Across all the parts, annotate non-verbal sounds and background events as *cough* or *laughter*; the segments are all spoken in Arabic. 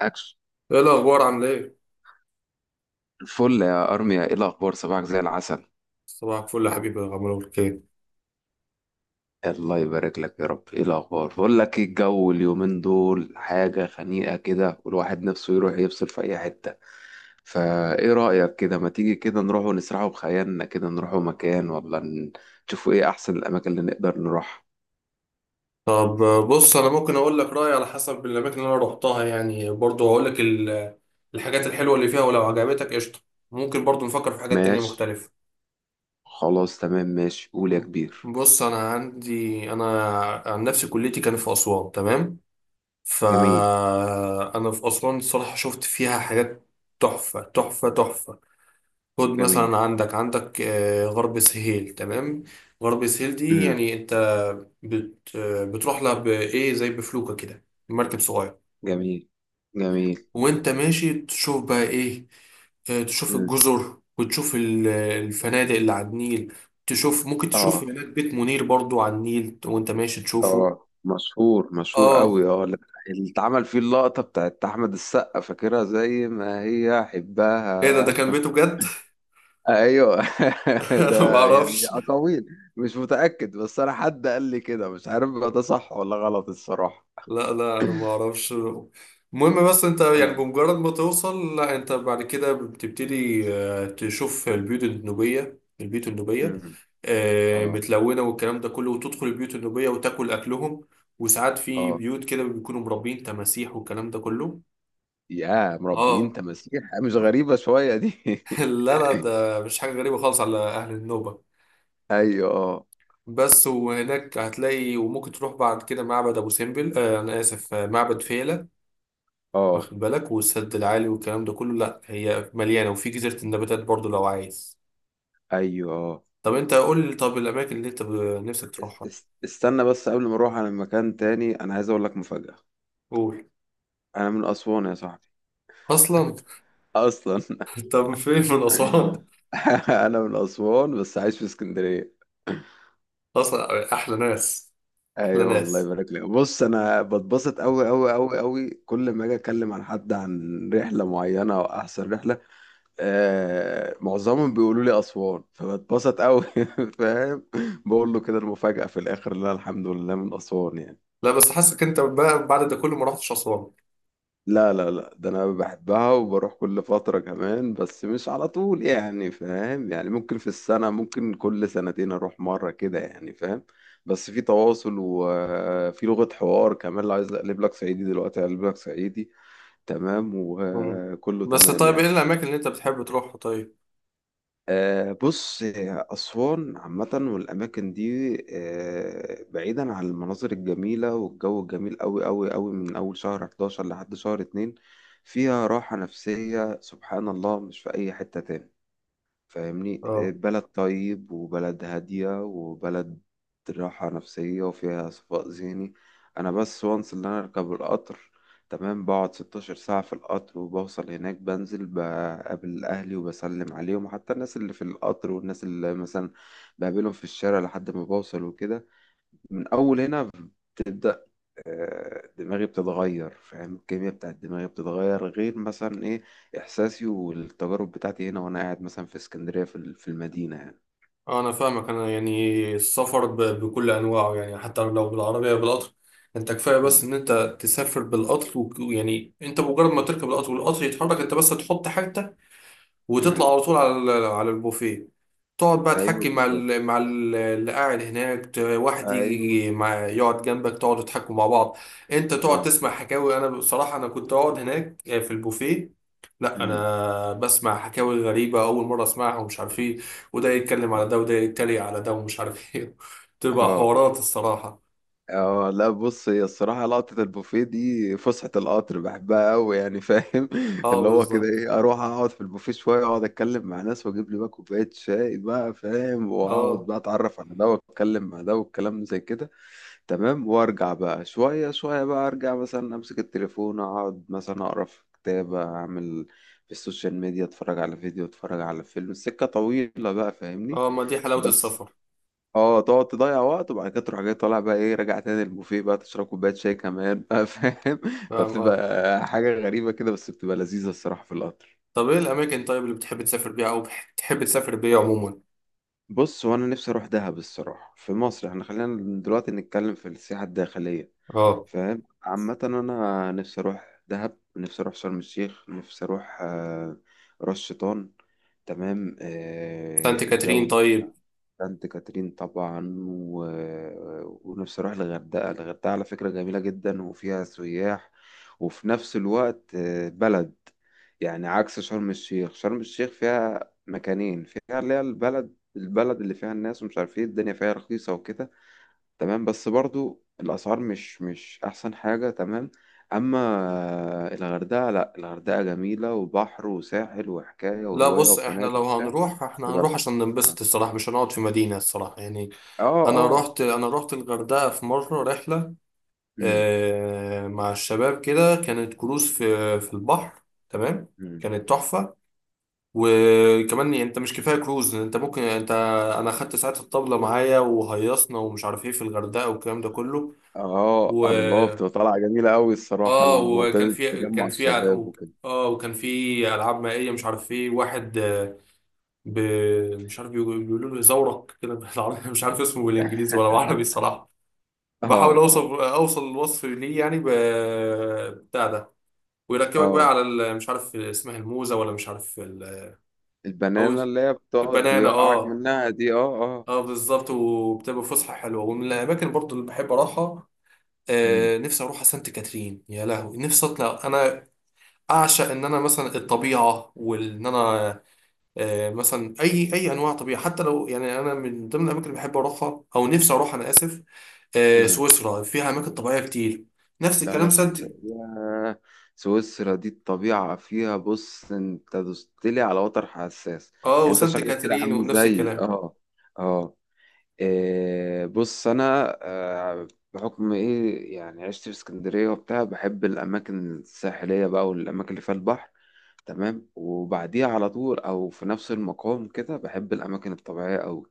أكس ايه الاخبار؟ عامله ايه؟ فل يا أرميا، إيه الأخبار؟ صباحك زي العسل. صباح الفل يا حبيبي يا غمر خير. الله يبارك لك يا رب. إيه الأخبار؟ بقول لك إيه، الجو اليومين دول حاجة خنيقة كده والواحد نفسه يروح يفصل في أي حتة. فإيه رأيك كده، ما تيجي كده نروح ونسرحوا بخيالنا كده، نروحوا مكان نشوفوا إيه أحسن الأماكن اللي نقدر نروحها؟ طب بص انا ممكن اقول لك رايي على حسب الاماكن اللي انا روحتها، يعني برضو هقول لك الحاجات الحلوه اللي فيها، ولو عجبتك قشطه. ممكن برضو نفكر في حاجات تانية ماشي. مختلفه. خلاص تمام ماشي، قول يا كبير. بص انا عندي، انا عن نفسي كليتي كانت في اسوان، تمام؟ جميل. فانا في اسوان الصراحه شفت فيها حاجات تحفه تحفه تحفه. خد جميل. مثلا عندك، عندك غرب سهيل، تمام؟ غرب سهيل دي مم. يعني انت بت آه، بتروح لها بايه، زي بفلوكة كده، مركب صغير. جميل. جميل. وانت ماشي تشوف بقى ايه؟ تشوف مم. الجزر وتشوف الفنادق اللي على النيل. تشوف، ممكن تشوف آه. هناك بيت منير برضو على النيل وانت ماشي تشوفه. اه مشهور، مشهور اه. قوي. اه اللي اتعمل فيه اللقطة بتاعت أحمد السقا، فاكرها زي ما هي ايه ده؟ ده حبها. كان بيته *laughs* بجد؟ ايوه. *laughs* *laughs* انا ما ده يعني اعرفش. اقاويل، مش متأكد، بس انا حد قال لي كده، مش عارف بقى ده صح ولا غلط الصراحة. لا لا انا ما اعرفش. المهم بس انت يعني اه. بمجرد ما توصل، لا انت بعد كده بتبتدي تشوف البيوت النوبية، البيوت النوبية أمم. آه، اه. متلونة والكلام ده كله، وتدخل البيوت النوبية وتاكل اكلهم. وساعات في اه. بيوت كده بيكونوا مربين تماسيح والكلام ده كله. يا مربيين اه. تماسيح، مش غريبة شوية دي؟ *laughs* *laughs* لا لا، ده مش حاجة غريبة خالص على اهل النوبة. ايوه. اه. بس وهناك هتلاقي، وممكن تروح بعد كده معبد ابو سمبل، انا اسف، معبد فيلة، اه. واخد بالك، والسد العالي والكلام ده كله. لا هي مليانه، وفي جزيره النباتات برضو لو عايز. ايوه. اه. طب انت قول لي، طب الاماكن اللي انت نفسك تروحها. استنى بس، قبل ما اروح على مكان تاني انا عايز اقول لك مفاجأة. قول. انا من اسوان يا صاحبي. اصلا؟ اصلا. *laughs* طب فين من اسوان؟ *laughs* انا من اسوان بس عايش في اسكندريه. اصلا احلى ناس. احلى ايوه والله ناس. يبارك لك. بص انا بتبسط قوي قوي قوي قوي كل ما اجي اتكلم عن حد، عن رحله معينه او احسن رحله. آه معظمهم بيقولوا لي اسوان، فبتبسط قوي. *laughs* فاهم؟ بقول له كده المفاجاه في الاخر، لا الحمد لله من اسوان يعني. لا بس حاسك انت بقى بعد ده كله ما رحتش اسوان. لا لا لا، ده انا بحبها وبروح كل فترة كمان، بس مش على طول يعني، فاهم؟ يعني ممكن في السنة، ممكن كل سنتين اروح مرة كده يعني، فاهم؟ بس في تواصل وفي لغة حوار كمان، لو عايز اقلب لك صعيدي دلوقتي اقلب لك صعيدي. تمام، مم. وكله بس تمام طيب يعني. ايه الاماكن اللي انت بتحب تروحها طيب؟ بص، أسوان عامة والأماكن دي، بعيدا عن المناظر الجميلة والجو الجميل أوي أوي أوي، من أول شهر 11 لحد شهر 2 فيها راحة نفسية سبحان الله مش في أي حتة تاني. فاهمني؟ اه. بلد طيب، وبلد هادية، وبلد راحة نفسية، وفيها صفاء ذهني. أنا بس وانس اللي أنا أركب القطر. تمام، بقعد 16 ساعة في القطر وبوصل هناك، بنزل بقابل أهلي وبسلم عليهم، حتى الناس اللي في القطر والناس اللي مثلا بقابلهم في الشارع لحد ما بوصل وكده. من أول هنا بتبدأ دماغي بتتغير، فاهم؟ الكيمياء بتاعت دماغي بتتغير، غير مثلا ايه احساسي والتجارب بتاعتي هنا وانا قاعد مثلا في اسكندريه، في المدينه يعني. اه انا فاهمك. انا يعني السفر بكل انواعه، يعني حتى لو بالعربيه، بالقطر. انت كفايه بس مم. ان انت تسافر بالقطر ويعني انت مجرد ما تركب القطر والقطر يتحرك، انت بس تحط حاجتك مم. وتطلع على طول على على البوفيه. تقعد بقى ايوه تحكي مع بالظبط. ال مع ال- اللي قاعد هناك، واحد ايوه. يجي، مع، يقعد جنبك، تقعدوا تحكوا مع بعض. انت تقعد اه. تسمع حكاوي. انا بصراحة انا كنت اقعد هناك في البوفيه. لا مم. انا بسمع حكاوي غريبة اول مرة اسمعها ومش عارف ايه، وده يتكلم على اه. ده وده يتريق على ده ومش عارف ايه. *laughs* تبقى اه. حوارات الصراحة. اه، لا بص، هي الصراحه لقطه البوفيه دي، فسحه القطر بحبها قوي يعني، فاهم؟ *laughs* اه اللي هو كده بالظبط. ايه، اروح اقعد في البوفيه شويه، اقعد اتكلم مع ناس واجيب لي بقى كوبايه شاي بقى، فاهم؟ واقعد اه. بقى اتعرف على ده واتكلم مع ده والكلام زي كده. تمام، وارجع بقى شوية شوية بقى، ارجع مثلا امسك التليفون، اقعد مثلا اقرا في كتاب، اعمل في السوشيال ميديا، اتفرج على فيديو، اتفرج على فيلم، السكة طويلة بقى فاهمني؟ اه ما دي حلاوة بس السفر. اه، تقعد تضيع وقت، وبعد كده تروح جاي طالع بقى ايه، راجع تاني البوفيه بقى، تشرب كوباية شاي كمان بقى فاهم؟ *laughs* فاهم. اه. فبتبقى حاجة غريبة كده، بس بتبقى لذيذة الصراحة في القطر. طب ايه الاماكن طيب اللي بتحب تسافر بيها، او بتحب تسافر بيها عموما؟ بص، وانا نفسي اروح دهب الصراحه في مصر، احنا خلينا دلوقتي نتكلم في السياحه الداخليه. اه. فاهم؟ عامه انا نفسي اروح دهب، نفسي اروح شرم الشيخ، نفسي اروح راس شيطان. تمام. آه، سانت كاترين الجو. طيب. سانت كاترين طبعا و... ونفسي اروح الغردقه. الغردقه على فكره جميله جدا، وفيها سياح، وفي نفس الوقت بلد، يعني عكس شرم الشيخ. شرم الشيخ فيها مكانين، فيها اللي هي البلد، البلد اللي فيها الناس ومش عارف ايه، الدنيا فيها رخيصه وكده، تمام، بس برضو الاسعار مش احسن حاجه. تمام. اما الغردقه، لا الغردقه جميله، وبحر وساحل وحكايه لا وروايه بص، احنا وفنادق لو وبتاع. هنروح بس احنا هنروح بلد. عشان اه. ننبسط الصراحه، مش هنقعد في مدينه الصراحه يعني. اه. انا آه. رحت، انا رحت الغردقه في مره رحله. مم. اه مع الشباب كده، كانت كروز في في البحر، تمام؟ مم. كانت تحفه. وكمان يعني انت مش كفايه كروز، انت ممكن انت، انا خدت ساعات الطبله معايا وهيصنا ومش عارف ايه في الغردقه والكلام ده كله. اه و، الله، بتبقى طالعه جميله قوي الصراحه، اه وكان المعتاد في، تجمع كان في، الشباب وكده. اه وكان في العاب مائيه، مش عارف ايه، واحد ب... مش عارف، بيقولوا له زورق كده بالعربي، *laughs* مش عارف اسمه بالانجليزي ولا بالعربي الصراحه. اه. بحاول اوصف، اه. اوصل الوصف ليه، يعني بتاع ده، ويركبك بقى اه. على مش عارف اسمها الموزه، ولا مش عارف او البنانه اللي هي بتقعد البنانه. يوقعك اه. منها دي، اه اه. اه بالظبط، وبتبقى فسحه حلوه. ومن الاماكن برضو اللي بحب اروحها، امم. آه نفسي اروح سانت كاترين، يا لهوي نفسي اطلع انا، اعشق ان انا مثلا الطبيعه، وان انا مثلا اي انواع طبيعه. حتى لو يعني انا من ضمن الاماكن اللي بحب اروحها او نفسي اروح، انا اسف، امم. سويسرا فيها اماكن طبيعيه كتير. نفس لا لا، الكلام سانت، سويسرا ياه، سويسرا دي الطبيعه فيها، بص انت دوستلي على وتر حساس. اه يعني انت وسانت شكلك كده كاترين عامل ونفس زي الكلام. اه. اه. إيه، بص انا بحكم ايه يعني، عشت في اسكندريه وبتاع، بحب الاماكن الساحليه بقى والاماكن اللي فيها البحر. تمام، وبعديها على طول، او في نفس المقام كده بحب الاماكن الطبيعيه قوي،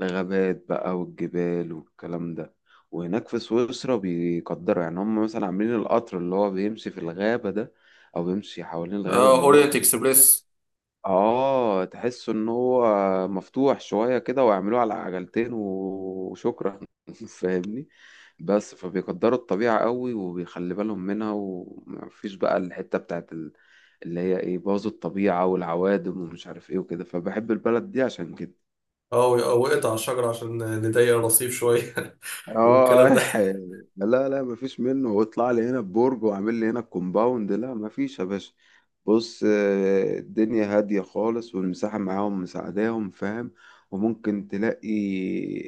الغابات بقى والجبال والكلام ده. وهناك في سويسرا بيقدروا يعني، هم مثلا عاملين القطر اللي هو بيمشي في الغابه ده، او بيمشي حوالين الغابه اه من اورينت نقطه. اكسبريس. اه، تحس ان هو مفتوح شوية كده، ويعملوه على عجلتين وشكرا. *laughs* فاهمني؟ بس فبيقدروا الطبيعة قوي وبيخلي بالهم منها، ومفيش بقى الحتة بتاعت اللي هي ايه، باظوا الطبيعة والعوادم ومش عارف ايه وكده، فبحب البلد دي عشان كده. اه وقعت على الشجره عشان نضيق الرصيف شويه. *laughs* اه. والكلام ده. آه. لا لا، مفيش منه، واطلع لي هنا ببرج واعمل لي هنا الكومباوند، لا مفيش يا باشا. بص، الدنيا هادية خالص والمساحة معاهم مساعداهم فاهم؟ وممكن تلاقي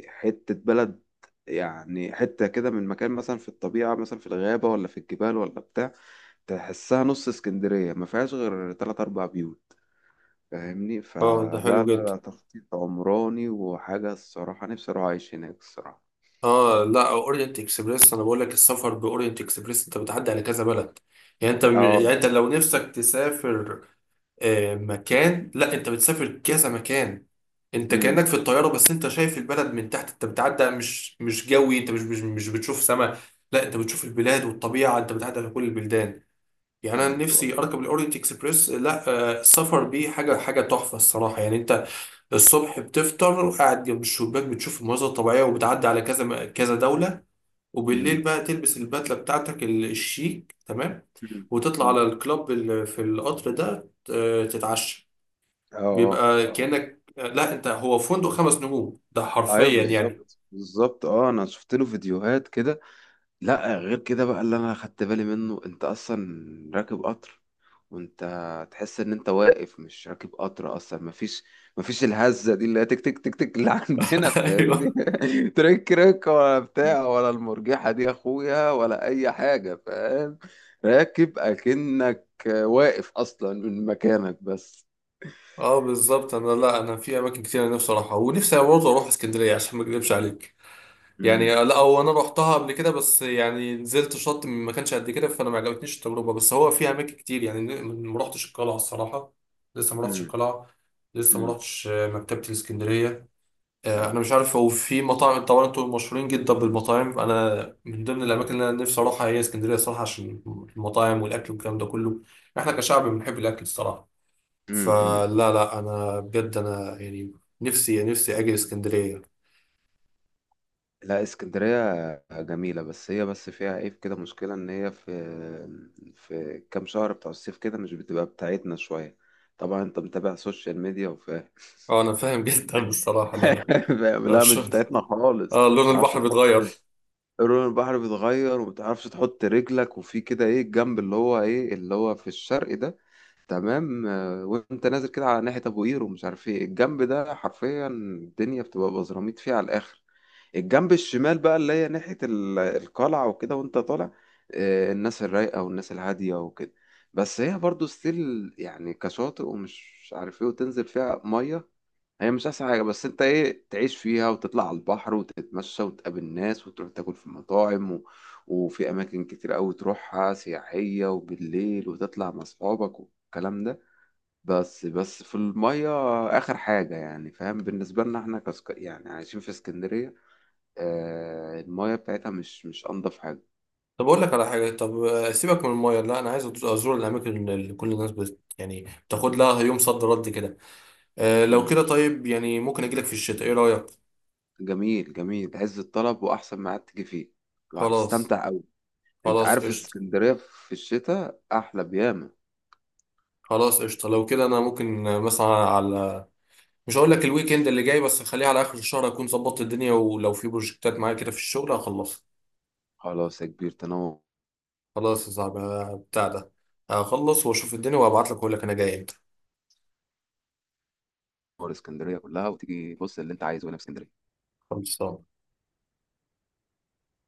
حتة بلد، يعني حتة كده من مكان مثلا في الطبيعة، مثلا في الغابة ولا في الجبال ولا بتاع، تحسها نص اسكندرية ما فيهاش غير تلات أربع بيوت. فاهمني؟ اه ده فلا لا حلو جدا. لا تخطيط عمراني وحاجة الصراحة، نفسي أروح أعيش هناك الصراحة. اه لا اورينت اكسبريس، انا بقول لك السفر باورينت اكسبريس انت بتعدي على كذا بلد. يعني انت، اه. يعني انت لو نفسك تسافر مكان، لا انت بتسافر كذا مكان. انت كأنك في الطيارة بس انت شايف البلد من تحت، انت بتعدي، مش مش جوي، انت مش بتشوف سما، لا انت بتشوف البلاد والطبيعة، انت بتعدي على كل البلدان. يعني انا نفسي ايوه. اركب الاورينت اكسبريس، لا السفر بيه حاجة، حاجة تحفة الصراحة. يعني انت الصبح بتفطر وقاعد جنب الشباك بتشوف المناظر الطبيعية وبتعدي على كذا كذا دولة، وبالليل امم. بقى تلبس البدلة بتاعتك الشيك، تمام، امم. وتطلع على امم. الكلاب اللي في القطر ده تتعشى. اه. بيبقى اه. كأنك، لا انت هو فندق خمس نجوم ده ايوه حرفيا يعني. بالظبط، بالظبط. اه انا شفت له فيديوهات كده. لا غير كده بقى اللي انا خدت بالي منه، انت اصلا راكب قطر وانت تحس ان انت واقف، مش راكب قطر اصلا. مفيش مفيش الهزه دي اللي هي تك تك تك تك اللي عندنا، *laughs* فاهمني؟ ايوه. *laughs* ترك رك ولا بتاع، ولا المرجحه دي يا اخويا، ولا اي حاجه، فاهم؟ راكب اكنك واقف اصلا من مكانك بس. اه بالظبط. انا لا، انا في اماكن كتير أنا نفسي اروحها، ونفسي برضه اروح اسكندرية عشان ما اكذبش عليك. يعني لا هو انا رحتها قبل كده، بس يعني نزلت شط ما كانش قد كده، فانا ما عجبتنيش التجربه. بس هو فيها اماكن كتير يعني، ما رحتش القلعه الصراحه، لسه ما رحتش مم. القلعه، لسه ما مم. رحتش مكتبه الاسكندريه، انا مم. مش عارف، هو في مطاعم طبعا، انتوا مشهورين جدا بالمطاعم. انا من ضمن الاماكن اللي انا نفسي اروحها هي اسكندريه صراحه، عشان المطاعم والاكل والكلام ده كله. احنا كشعب بنحب الاكل الصراحه. مم. مم. فلا لا انا بجد انا يعني نفسي، نفسي اجي اسكندريه. لا، اسكندرية جميلة، بس هي بس فيها عيب كده، مشكلة إن هي في في كام شهر بتوع الصيف كده مش بتبقى بتاعتنا شوية. طبعا أنت متابع سوشيال ميديا وفاهم. اه انا فاهم *laughs* جدا الصراحه. لا. لا. *laughs* فاهم؟ لا مش *laughs* بتاعتنا خالص. اه لون متعرفش البحر تحط، بيتغير. لون البحر بيتغير، ومتعرفش تحط رجلك، وفي كده ايه الجنب اللي هو ايه اللي هو في الشرق ده، تمام، وانت نازل كده على ناحية ابو قير ومش عارف ايه الجنب ده، حرفيا الدنيا بتبقى بزراميط فيه على الاخر. الجنب الشمال بقى اللي هي ناحية القلعة وكده وانت طالع، الناس الرايقة والناس الهادية وكده. بس هي برضو ستيل يعني كشاطئ ومش عارف ايه، وتنزل فيها مية، هي مش احسن حاجه، بس انت ايه، تعيش فيها وتطلع على البحر وتتمشى وتقابل ناس وتروح تاكل في مطاعم و... وفي اماكن كتير قوي تروحها سياحيه، وبالليل وتطلع مع اصحابك والكلام ده. بس بس في الميه اخر حاجه يعني، فاهم؟ بالنسبه لنا احنا يعني عايشين في اسكندريه، آه الميه بتاعتها مش انضف حاجه. طب اقول لك على حاجه، طب سيبك من المايه، لا انا عايز ازور الاماكن اللي كل الناس يعني بتاخد لها يوم صد رد كده. آه لو مم. كده طيب، يعني ممكن اجي لك في الشتاء، ايه رايك؟ جميل جميل، عز الطلب واحسن ميعاد تيجي فيه، خلاص. وهتستمتع قوي. انت خلاص عارف قشطه. اسكندريه في الشتاء احلى بياما. خلاص قشطه، لو كده انا ممكن مثلا على، مش هقول لك الويكند اللي جاي بس، خليها على اخر الشهر، اكون ظبطت الدنيا، ولو في بروجكتات معايا كده في الشغل هخلصها. خلاص يا كبير، تنور. خلاص يا صاحبي، بتاع ده، هخلص واشوف الدنيا وابعت لك واقول لك انا جاي امتى. اسكندريه كلها، وتيجي بص اللي انت عايزه هنا في اسكندريه. خلصان.